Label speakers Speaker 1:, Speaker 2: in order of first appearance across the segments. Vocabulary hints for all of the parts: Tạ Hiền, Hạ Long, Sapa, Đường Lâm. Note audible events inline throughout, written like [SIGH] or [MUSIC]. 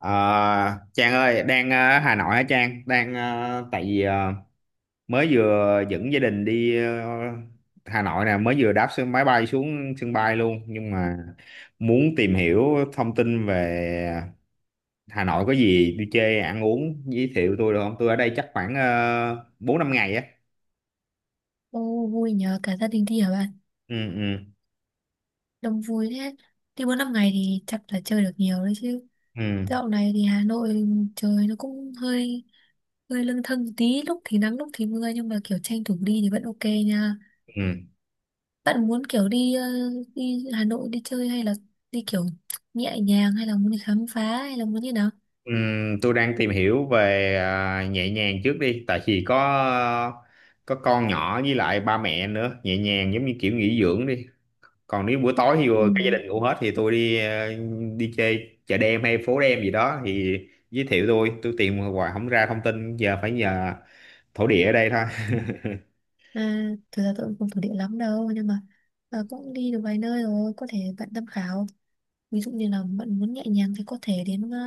Speaker 1: Ờ, Trang ơi, đang Hà Nội hả Trang? Đang tại vì mới vừa dẫn gia đình đi Hà Nội nè, mới vừa đáp sân máy bay xuống sân bay luôn, nhưng mà muốn tìm hiểu thông tin về Hà Nội có gì đi chơi ăn uống giới thiệu tôi được không? Tôi ở đây chắc khoảng 4 5 ngày á.
Speaker 2: Ô vui nhờ cả gia đình đi hả bạn?
Speaker 1: Ừ ừ
Speaker 2: Đông vui thế. Đi 4 năm ngày thì chắc là chơi được nhiều đấy chứ.
Speaker 1: ừ.
Speaker 2: Dạo này thì Hà Nội trời nó cũng hơi hơi lâng thâng một tí, lúc thì nắng lúc thì mưa nhưng mà kiểu tranh thủ đi thì vẫn ok nha.
Speaker 1: Ừ.
Speaker 2: Bạn muốn kiểu đi đi Hà Nội đi chơi hay là đi kiểu nhẹ nhàng hay là muốn đi khám phá hay là muốn như nào?
Speaker 1: Tôi đang tìm hiểu về nhẹ nhàng trước đi, tại vì có con nhỏ với lại ba mẹ nữa, nhẹ nhàng giống như kiểu nghỉ dưỡng đi. Còn nếu buổi tối thì
Speaker 2: Ừ.
Speaker 1: cả gia đình ngủ hết thì tôi đi đi chơi chợ đêm hay phố đêm gì đó thì giới thiệu tôi tìm hoài không ra thông tin, giờ phải nhờ thổ địa ở đây thôi.
Speaker 2: À, thực ra tôi cũng không thuộc địa lắm đâu, nhưng mà cũng đi được vài nơi rồi, có thể bạn tham khảo. Ví dụ như là bạn muốn nhẹ nhàng thì có thể đến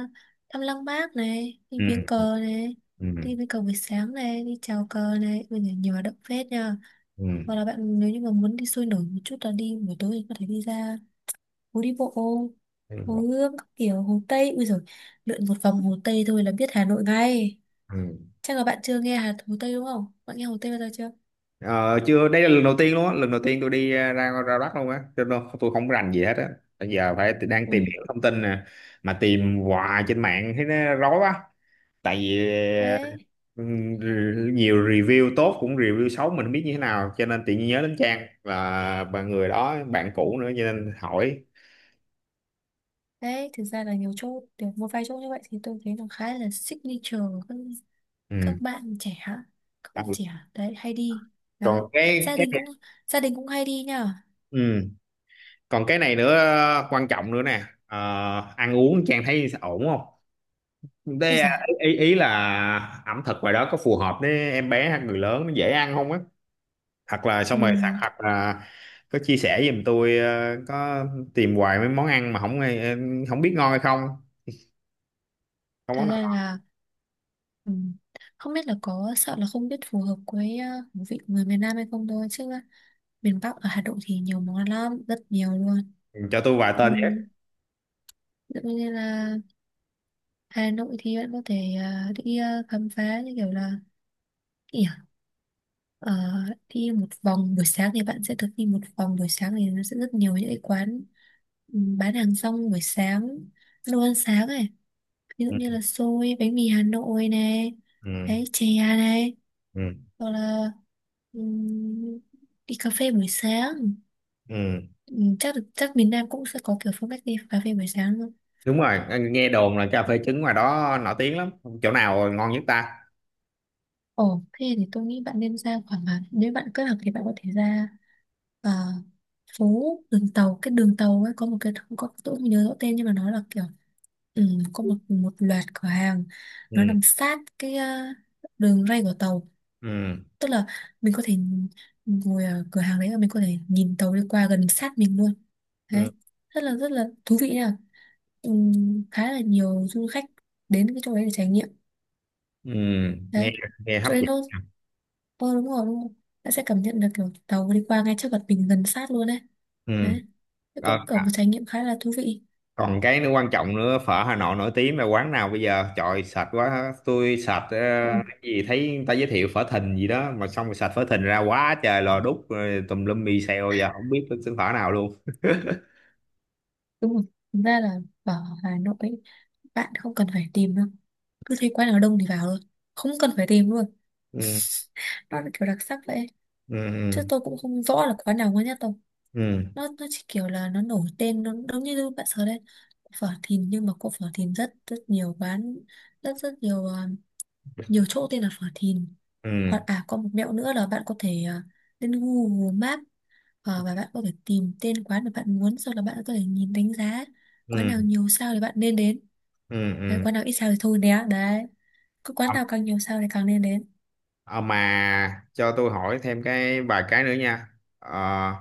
Speaker 2: thăm Lăng Bác
Speaker 1: [LAUGHS]
Speaker 2: này, đi viếng
Speaker 1: Ừ.
Speaker 2: cờ này,
Speaker 1: Ừ.
Speaker 2: đi viếng cờ buổi sáng này, đi chào cờ này, bây giờ nhiều hoạt động phết nha.
Speaker 1: Ừ.
Speaker 2: Hoặc là bạn nếu như mà muốn đi sôi nổi một chút là đi buổi tối thì có thể đi ra phố đi bộ hồ Gươm, các kiểu hồ Tây bây giờ, lượn một vòng hồ Tây thôi là biết Hà Nội ngay.
Speaker 1: Ừ.
Speaker 2: Chắc là bạn chưa nghe Hồ Tây đúng không, bạn nghe Hồ Tây bao giờ chưa?
Speaker 1: Ờ, chưa, đây là lần đầu tiên luôn á, lần đầu tiên tôi đi ra ra Bắc luôn á, cho nên tôi không rành gì hết á. Bây giờ phải đang tìm
Speaker 2: Ui.
Speaker 1: hiểu thông tin nè, mà tìm hoài trên mạng thấy nó rối quá, tại vì
Speaker 2: Đấy,
Speaker 1: nhiều review tốt cũng review xấu, mình không biết như thế nào, cho nên tự nhiên nhớ đến Trang và người đó bạn cũ nữa cho nên hỏi.
Speaker 2: đấy thực ra là nhiều chỗ được, một vài chỗ như vậy thì tôi thấy nó khá là signature. Các
Speaker 1: Ừ.
Speaker 2: bạn trẻ hả? Các
Speaker 1: À,
Speaker 2: bạn trẻ đấy hay đi
Speaker 1: còn
Speaker 2: đấy,
Speaker 1: cái
Speaker 2: gia
Speaker 1: cái
Speaker 2: đình cũng gia đình cũng hay đi nhờ.
Speaker 1: ừ, còn cái này nữa, quan trọng nữa nè. Ờ, ăn uống Trang thấy ổn không?
Speaker 2: Bây
Speaker 1: Đây
Speaker 2: giờ
Speaker 1: à, ý ý ý là ẩm thực ngoài đó có phù hợp với em bé hay người lớn nó dễ ăn không á, hoặc là xong rồi sạc
Speaker 2: ừm, th-
Speaker 1: hoặc là có chia sẻ giùm tôi. Ờ, có tìm hoài mấy món ăn mà không biết ngon hay không, không
Speaker 2: thật
Speaker 1: món
Speaker 2: ra
Speaker 1: nào.
Speaker 2: là ừm, không biết là có sợ là không biết phù hợp với khẩu vị của người miền Nam hay không thôi, chứ miền Bắc ở Hà Nội thì nhiều món ăn lắm, rất nhiều luôn.
Speaker 1: Ừ, cho tôi vài tên với.
Speaker 2: Ừm, Tự nhiên là Hà Nội thì bạn có thể đi khám phá như kiểu ờ, đi một vòng buổi sáng thì bạn sẽ thực đi một vòng buổi sáng thì nó sẽ rất nhiều những cái quán bán hàng rong buổi sáng, đồ ăn sáng này, ví dụ
Speaker 1: Ừ.
Speaker 2: như là xôi, bánh mì Hà Nội này,
Speaker 1: Ừ.
Speaker 2: đấy, chè này,
Speaker 1: Ừ.
Speaker 2: hoặc là ừm, đi cà phê buổi sáng.
Speaker 1: Ừ.
Speaker 2: Chắc miền Nam cũng sẽ có kiểu phong cách đi cà phê buổi sáng luôn.
Speaker 1: Đúng rồi, nghe đồn là cà phê trứng ngoài đó nổi tiếng lắm, chỗ nào ngon nhất ta?
Speaker 2: Ồ, thế thì tôi nghĩ bạn nên ra khoảng là nếu bạn kết hợp thì bạn có thể ra ờ, phố đường tàu. Cái đường tàu ấy có một cái, không có, tôi không nhớ rõ tên, nhưng mà nó là kiểu ừ, có một một loạt cửa hàng,
Speaker 1: Ừ.
Speaker 2: nó nằm sát cái đường ray của tàu,
Speaker 1: Ừ.
Speaker 2: tức là mình có thể ngồi ở cửa hàng đấy và mình có thể nhìn tàu đi qua gần sát mình luôn.
Speaker 1: Ừ.
Speaker 2: Đấy, rất là, rất là thú vị nha. ừ, Khá là nhiều du khách đến cái chỗ đấy để trải nghiệm
Speaker 1: Ừ. Nghe
Speaker 2: đấy.
Speaker 1: nghe hấp
Speaker 2: Chỗ đấy
Speaker 1: dẫn.
Speaker 2: nó, ờ đúng rồi, đúng rồi. Bạn sẽ cảm nhận được kiểu tàu đi qua ngay trước mặt mình, gần sát luôn đấy.
Speaker 1: Ừ.
Speaker 2: Đấy. Thế
Speaker 1: Ờ,
Speaker 2: cũng kiểu một trải nghiệm khá là thú vị.
Speaker 1: còn cái nữa quan trọng nữa, phở Hà Nội nổi tiếng là quán nào bây giờ? Trời sạch quá tôi sạch. Ờ,
Speaker 2: Ừ,
Speaker 1: cái gì thấy người ta giới thiệu phở Thìn gì đó, mà xong rồi sạch phở Thìn ra quá trời lò đúc rồi tùm lum mì xèo, giờ không biết cái xứ phở nào luôn.
Speaker 2: đúng rồi. Thực ra là ở Hà Nội ấy, bạn không cần phải tìm đâu. Cứ thấy quán nào đông thì vào thôi. Không cần phải tìm luôn.
Speaker 1: Ừ.
Speaker 2: [LAUGHS] Nó là kiểu đặc sắc vậy. Chứ
Speaker 1: Ừ.
Speaker 2: tôi cũng không rõ là quán nào ngon nhất đâu.
Speaker 1: Ừ.
Speaker 2: Nó chỉ kiểu là nó nổi tên, nó giống như bạn sợ đấy. Phở Thìn, nhưng mà có phở Thìn rất rất nhiều quán, rất rất nhiều chỗ tên là phở Thìn.
Speaker 1: Ừ.
Speaker 2: Hoặc à, có một mẹo nữa là bạn có thể lên Google Maps, và bạn có thể tìm tên quán mà bạn muốn, sau đó bạn có thể nhìn đánh giá. Quán
Speaker 1: Ừ.
Speaker 2: nào nhiều sao thì bạn nên đến
Speaker 1: Ừ.
Speaker 2: đấy,
Speaker 1: Ừ.
Speaker 2: quán nào ít sao thì thôi nhé. Đấy, cứ quán
Speaker 1: À,
Speaker 2: nào càng nhiều sao thì càng nên đến.
Speaker 1: à mà cho tôi hỏi thêm cái vài cái nữa nha. Ờ,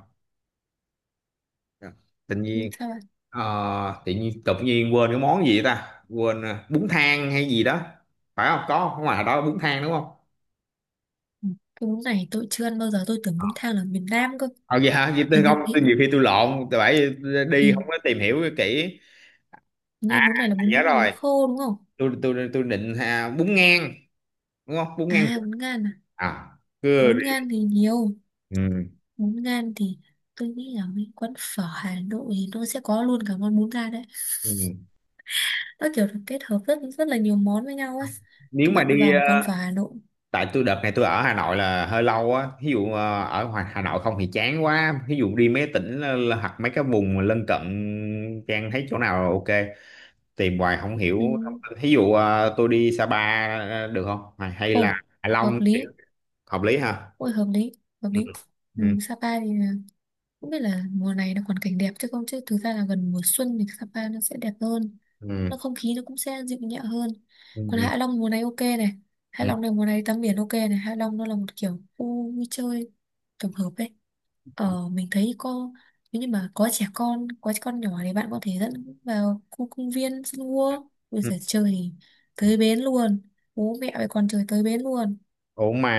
Speaker 1: tự
Speaker 2: Ừ,
Speaker 1: nhiên
Speaker 2: Sao bạn
Speaker 1: tự nhiên quên cái món gì ta, quên bún thang hay gì đó, phải không, có không, ngoài đó bún thang đúng không?
Speaker 2: ừ. Cái bún này tôi chưa ăn bao giờ, tôi tưởng
Speaker 1: Ờ
Speaker 2: bún thang là miền Nam cơ.
Speaker 1: vậy hả? Vậy tôi
Speaker 2: hình
Speaker 1: không,
Speaker 2: như
Speaker 1: tôi
Speaker 2: hình,
Speaker 1: nhiều khi tôi lộn, tôi phải đi không
Speaker 2: hình
Speaker 1: có tìm hiểu kỹ. À
Speaker 2: như bún này là
Speaker 1: à, nhớ
Speaker 2: bún bún
Speaker 1: rồi,
Speaker 2: khô đúng không?
Speaker 1: tôi định bún ngang đúng không, bún
Speaker 2: À,
Speaker 1: ngang?
Speaker 2: bún gan à?
Speaker 1: À, cứ
Speaker 2: Bún
Speaker 1: đi.
Speaker 2: gan thì nhiều,
Speaker 1: Ừ.
Speaker 2: bún gan thì tôi nghĩ là mấy quán phở Hà Nội thì nó sẽ có luôn cả món bún gan đấy.
Speaker 1: Ừ.
Speaker 2: Nó kiểu được kết hợp rất rất là nhiều món với nhau ấy.
Speaker 1: Nếu
Speaker 2: Các
Speaker 1: mà
Speaker 2: bạn cứ
Speaker 1: đi
Speaker 2: vào một quán phở Hà Nội.
Speaker 1: tại tôi đợt này tôi ở Hà Nội là hơi lâu á, ví dụ ở ngoài Hà Nội không thì chán quá, ví dụ đi mấy tỉnh hoặc mấy cái vùng lân cận, Trang thấy chỗ nào ok, tìm hoài không hiểu.
Speaker 2: Ừ.
Speaker 1: Ví dụ tôi đi Sapa được không, hay hay
Speaker 2: Ồ
Speaker 1: là Hạ
Speaker 2: hợp
Speaker 1: Long thì
Speaker 2: lý,
Speaker 1: hợp lý ha?
Speaker 2: ôi hợp lý, hợp
Speaker 1: Ừ.
Speaker 2: lý. Ừ.
Speaker 1: Ừ.
Speaker 2: Cũng biết là mùa này nó còn cảnh đẹp, chứ không, chứ thực ra là gần mùa xuân thì Sapa nó sẽ đẹp hơn,
Speaker 1: Ừ.
Speaker 2: nó không khí nó cũng sẽ dịu nhẹ hơn. Còn
Speaker 1: Ừ.
Speaker 2: Hạ Long mùa này ok này, Hạ
Speaker 1: Ừ.
Speaker 2: Long này mùa này tắm biển ok này, Hạ Long nó là một kiểu khu vui chơi tổng hợp ấy.
Speaker 1: Ừ,
Speaker 2: Ờ, mình thấy cô, nếu như mà có trẻ con, có trẻ con nhỏ thì bạn có thể dẫn vào khu công viên sân gua bây
Speaker 1: ừ.
Speaker 2: giờ chơi thì tới bến luôn, bố mẹ với con chơi tới bến luôn.
Speaker 1: Ủa mà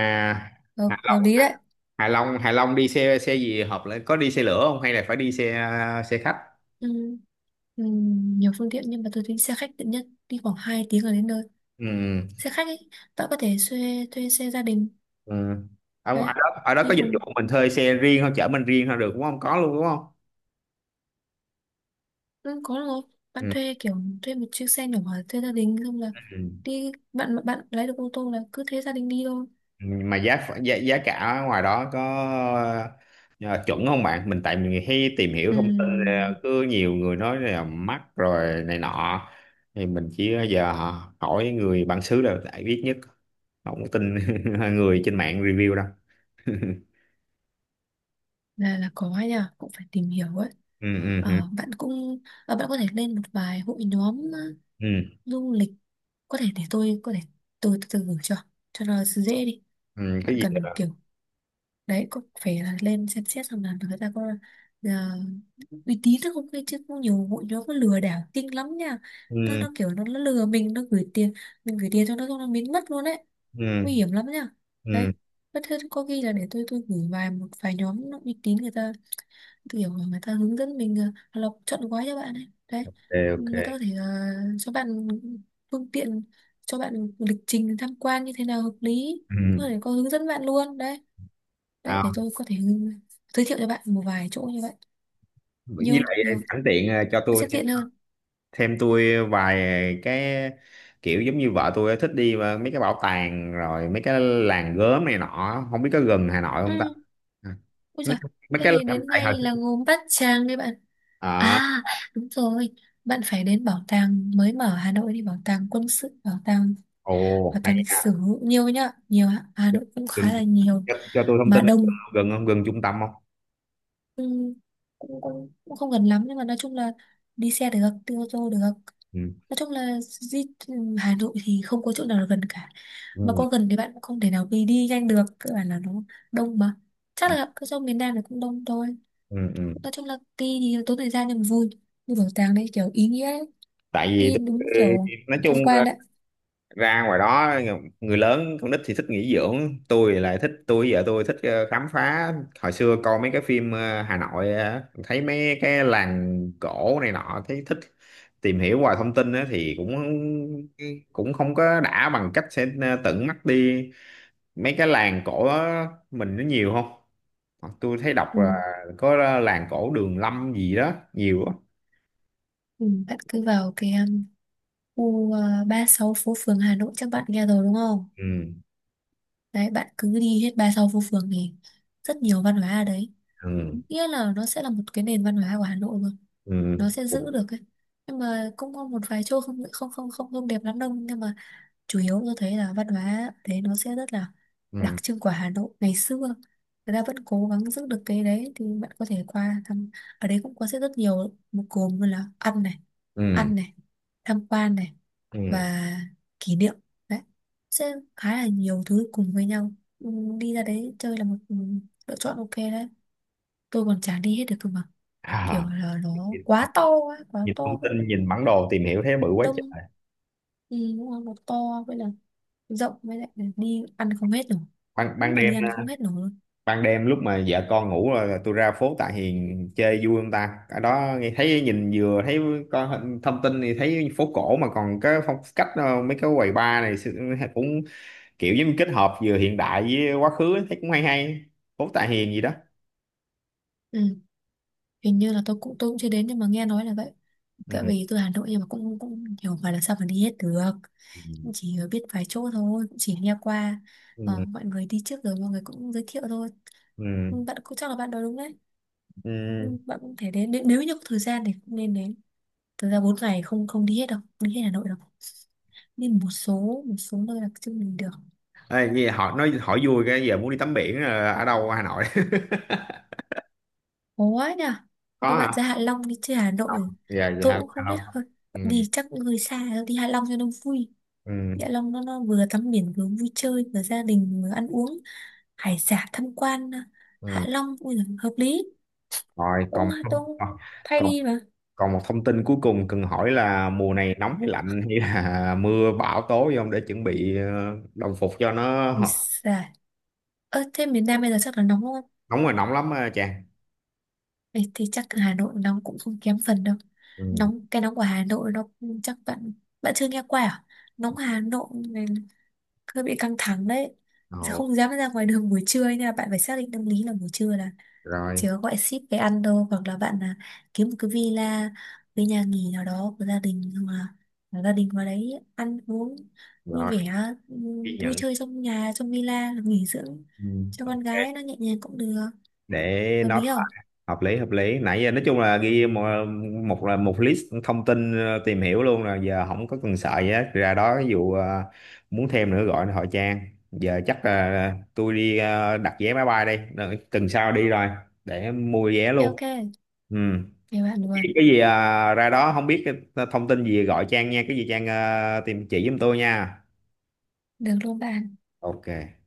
Speaker 2: hợp,
Speaker 1: Hạ Long
Speaker 2: hợp lý đấy.
Speaker 1: Hạ Long Hạ Long đi xe, xe gì hợp lên, có đi xe lửa không hay là phải đi xe, xe khách?
Speaker 2: ừ, ừ, Nhiều phương tiện nhưng mà tôi thấy xe khách tiện nhất, đi khoảng 2 tiếng là đến nơi.
Speaker 1: Ừ.
Speaker 2: Xe khách ấy, bạn có thể thuê, thuê xe gia đình.
Speaker 1: Ừ. Ở,
Speaker 2: Đấy,
Speaker 1: ở đó có
Speaker 2: đi
Speaker 1: dịch
Speaker 2: cùng.
Speaker 1: vụ mình thuê xe riêng không, chở mình riêng không được đúng không, có luôn đúng không?
Speaker 2: Ừ, có được, bạn
Speaker 1: Ừ.
Speaker 2: thuê kiểu thuê một chiếc xe nhỏ, thuê gia đình xong là
Speaker 1: Ừ.
Speaker 2: đi, bạn bạn lái được ô tô là cứ thế gia đình đi thôi.
Speaker 1: Mà giá giá cả ở ngoài đó có ờ, chuẩn không bạn? Mình tại mình hay tìm hiểu thông tin.
Speaker 2: ừ
Speaker 1: Ờ, Cứ nhiều người nói là mắc rồi này nọ, thì mình chỉ giờ hỏi người bản xứ là đại biết nhất, không có tin [LAUGHS] người trên mạng review đâu.
Speaker 2: là có ấy nhờ, cũng phải tìm hiểu ấy.
Speaker 1: Ừ. Ừ. Ừ.
Speaker 2: Bạn cũng, bạn có thể lên một vài hội nhóm
Speaker 1: Ừ.
Speaker 2: du lịch, có thể để tôi có thể, tôi từ từ gửi cho nó dễ đi.
Speaker 1: Ừ, cái
Speaker 2: Bạn
Speaker 1: gì
Speaker 2: cần
Speaker 1: đó.
Speaker 2: kiểu đấy, có phải là lên xem xét xem là người ta có ờ, uy tín hay không ấy chứ, cũng nhiều hội nhóm có lừa đảo kinh lắm nha. nó
Speaker 1: Ừ.
Speaker 2: nó kiểu nó lừa mình, nó gửi tiền, mình gửi tiền cho nó xong nó biến mất luôn đấy, nguy
Speaker 1: Ừ.
Speaker 2: hiểm lắm nha.
Speaker 1: Ừ.
Speaker 2: Đấy, bất thế có khi là để tôi gửi vài một vài nhóm nó uy tín, người ta kiểu mà người ta hướng dẫn mình, hoặc là chọn gói cho bạn ấy đấy.
Speaker 1: Ok.
Speaker 2: Người ta có
Speaker 1: Ok.
Speaker 2: thể cho bạn phương tiện, cho bạn lịch trình tham quan như thế nào hợp lý, có
Speaker 1: Ừ.
Speaker 2: thể có hướng dẫn bạn luôn đấy. Đấy,
Speaker 1: À,
Speaker 2: để tôi có thể giới thiệu cho bạn một vài chỗ như vậy,
Speaker 1: với
Speaker 2: nhiều
Speaker 1: lại
Speaker 2: nhiều,
Speaker 1: sẵn tiện cho
Speaker 2: nó sẽ
Speaker 1: tôi thêm
Speaker 2: tiện hơn.
Speaker 1: thêm tôi vài cái, kiểu giống như vợ tôi ấy, thích đi mà mấy cái bảo tàng rồi mấy cái làng gốm này nọ, không biết có gần Hà Nội không ta?
Speaker 2: ừ
Speaker 1: À,
Speaker 2: Ôi
Speaker 1: mấy
Speaker 2: giời,
Speaker 1: mấy
Speaker 2: thế
Speaker 1: cái
Speaker 2: thì
Speaker 1: làng
Speaker 2: đến
Speaker 1: tại Hà,
Speaker 2: ngay là gồm Bát Tràng đi bạn.
Speaker 1: à.
Speaker 2: À đúng rồi, bạn phải đến bảo tàng mới mở Hà Nội, đi bảo tàng quân sự, bảo tàng,
Speaker 1: Ồ
Speaker 2: bảo tàng
Speaker 1: hay
Speaker 2: lịch
Speaker 1: à,
Speaker 2: sử, nhiều nhá, nhiều ạ. Hà Nội cũng
Speaker 1: gần,
Speaker 2: khá là nhiều
Speaker 1: cho tôi thông
Speaker 2: mà
Speaker 1: tin ấy,
Speaker 2: đông.
Speaker 1: gần không, gần trung tâm không?
Speaker 2: Ừm, Cũng không gần lắm nhưng mà nói chung là đi xe được, đi ô tô được.
Speaker 1: Ừ.
Speaker 2: Nói chung là di Hà Nội thì không có chỗ nào là gần cả, mà
Speaker 1: Ừ.
Speaker 2: có gần thì bạn cũng không thể nào đi đi nhanh được, cơ bản là nó đông mà. Chắc
Speaker 1: Ừ.
Speaker 2: là cứ trong miền Nam này cũng đông thôi.
Speaker 1: Ừ. Ừ.
Speaker 2: Nói chung là đi thì tốn thời gian nhưng mà vui, như bảo tàng đấy kiểu ý nghĩa đấy,
Speaker 1: Tại vì
Speaker 2: đi
Speaker 1: tôi,
Speaker 2: đúng kiểu
Speaker 1: nói chung
Speaker 2: tham quan đấy.
Speaker 1: ra ngoài đó người lớn con nít thì thích nghỉ dưỡng, tôi lại thích, tôi vợ tôi thích khám phá. Hồi xưa coi mấy cái phim Hà Nội thấy mấy cái làng cổ này nọ thấy thích, tìm hiểu hoài thông tin á, thì cũng cũng không có đã bằng cách sẽ tận mắt đi mấy cái làng cổ đó, mình nó nhiều không? Hoặc tôi thấy đọc
Speaker 2: Ừ.
Speaker 1: là có làng cổ Đường Lâm gì đó nhiều á.
Speaker 2: Ừ, bạn cứ vào cái khu 36 phố phường Hà Nội, chắc bạn nghe rồi đúng không?
Speaker 1: Ừ.
Speaker 2: Đấy, bạn cứ đi hết 36 phố phường thì rất nhiều văn hóa ở đấy.
Speaker 1: Ừ.
Speaker 2: Nghĩa là nó sẽ là một cái nền văn hóa của Hà Nội luôn.
Speaker 1: Ừ.
Speaker 2: Nó sẽ giữ được ấy. Nhưng mà cũng có một vài chỗ không không không không không đẹp lắm đâu. Nhưng mà chủ yếu tôi thấy là văn hóa đấy nó sẽ rất là đặc
Speaker 1: Ừ.
Speaker 2: trưng của Hà Nội ngày xưa, người ta vẫn cố gắng giữ được cái đấy, thì bạn có thể qua thăm. Ở đấy cũng có sẽ rất nhiều một gồm như là ăn này,
Speaker 1: Ừ,
Speaker 2: ăn này, tham quan này,
Speaker 1: ừ.
Speaker 2: và kỷ niệm đấy, sẽ khá là nhiều thứ cùng với nhau. Ừ, đi ra đấy chơi là một, lựa chọn ok đấy. Tôi còn chả đi hết được cơ mà, kiểu
Speaker 1: À.
Speaker 2: là nó quá to ấy, quá
Speaker 1: Nhìn
Speaker 2: to
Speaker 1: thông
Speaker 2: với
Speaker 1: tin nhìn bản đồ tìm hiểu thấy bự quá
Speaker 2: đông.
Speaker 1: trời.
Speaker 2: Ừ, đúng rồi, nó to với là rộng, với lại là đi ăn không hết nổi,
Speaker 1: Ban Ban
Speaker 2: cũng là đi
Speaker 1: đêm,
Speaker 2: ăn không hết nổi luôn.
Speaker 1: ban đêm lúc mà vợ con ngủ rồi tôi ra phố Tạ Hiền chơi vui không ta? Ở đó nghe thấy nhìn vừa thấy có thông tin thì thấy phố cổ mà còn cái phong cách mấy cái quầy bar này cũng kiểu giống kết hợp vừa hiện đại với quá khứ ấy, thấy cũng hay hay, phố Tạ Hiền gì đó.
Speaker 2: Ừ. Hình như là tôi cũng chưa đến nhưng mà nghe nói là vậy.
Speaker 1: Ừ.
Speaker 2: Cỡ về từ Hà Nội nhưng mà cũng cũng hiểu phải là sao mà đi hết được.
Speaker 1: Ừ.
Speaker 2: Cũng chỉ biết vài chỗ thôi, cũng chỉ nghe qua. Ờ,
Speaker 1: Ừ.
Speaker 2: mọi người đi trước rồi mọi người cũng giới thiệu thôi.
Speaker 1: Ừ.
Speaker 2: Ừ, bạn cũng chắc là bạn nói đúng đấy.
Speaker 1: Ừ.
Speaker 2: Ừ, bạn cũng thể đến, nếu nếu như có thời gian thì cũng nên đến. Thực ra 4 ngày không không đi hết đâu, đi hết Hà Nội đâu, đi một số nơi là chưa mình được.
Speaker 1: Ê, nghe hỏi nói hỏi vui, cái giờ muốn đi tắm biển ở đâu ở Hà Nội? [LAUGHS]
Speaker 2: Ủa nhỉ?
Speaker 1: Có
Speaker 2: Tôi bạn
Speaker 1: hả?
Speaker 2: ra Hạ Long đi chơi Hà Nội.
Speaker 1: Dạ
Speaker 2: Tôi
Speaker 1: dạ
Speaker 2: cũng không
Speaker 1: không.
Speaker 2: biết hơn.
Speaker 1: Ừ.
Speaker 2: Đi chắc người xa đi Hạ Long cho nó vui.
Speaker 1: Ừ.
Speaker 2: Đi Hạ Long nó vừa tắm biển vừa vui chơi vừa gia đình vừa ăn uống hải sản tham quan. Hạ
Speaker 1: Ừ.
Speaker 2: Long ui giời, hợp lý.
Speaker 1: Rồi
Speaker 2: Đúng,
Speaker 1: còn
Speaker 2: cũng tôi
Speaker 1: à,
Speaker 2: cũng thay
Speaker 1: còn
Speaker 2: đi mà.
Speaker 1: còn một thông tin cuối cùng cần hỏi là mùa này nóng hay lạnh hay là [LAUGHS] mưa bão tố gì không để chuẩn bị đồng phục cho nó.
Speaker 2: Vì xài. Ơ thế miền Nam bây giờ chắc là nóng đúng không?
Speaker 1: Nóng là nóng lắm á Trang.
Speaker 2: Ê, thì chắc là Hà Nội nóng cũng không kém phần đâu.
Speaker 1: Ừ.
Speaker 2: Nóng cái nóng của Hà Nội nó, chắc bạn, bạn chưa nghe qua à? Nóng Hà Nội này hơi bị căng thẳng đấy. Giờ
Speaker 1: Ồ,
Speaker 2: không dám ra ngoài đường buổi trưa ấy, nên là bạn phải xác định tâm lý là buổi trưa là
Speaker 1: rồi
Speaker 2: chỉ có gọi ship về ăn đâu, hoặc là bạn là kiếm một cái villa, cái nhà nghỉ nào đó của gia đình, hoặc là gia đình vào đấy ăn uống vui
Speaker 1: rồi
Speaker 2: vẻ,
Speaker 1: ghi
Speaker 2: vui
Speaker 1: nhận.
Speaker 2: chơi trong nhà, trong villa là nghỉ dưỡng
Speaker 1: Ừ.
Speaker 2: cho con
Speaker 1: Ok.
Speaker 2: gái nó nhẹ nhàng cũng được.
Speaker 1: Để
Speaker 2: Hợp
Speaker 1: nói
Speaker 2: lý không?
Speaker 1: hợp lý, hợp lý, nãy giờ nói chung là ghi một một là một list thông tin tìm hiểu luôn rồi, giờ không có cần sợ gì hết ra đó, ví dụ muốn thêm nữa gọi hỏi Trang. Giờ chắc là tôi đi đặt vé máy bay đây, đợi tuần sau đi rồi để mua vé
Speaker 2: Ok ok.
Speaker 1: luôn. Ừ.
Speaker 2: Về bạn luôn.
Speaker 1: cái gì ra đó không biết cái thông tin gì gọi Trang nha, cái gì Trang tìm chỉ giùm tôi nha.
Speaker 2: Được luôn bạn.
Speaker 1: Ok.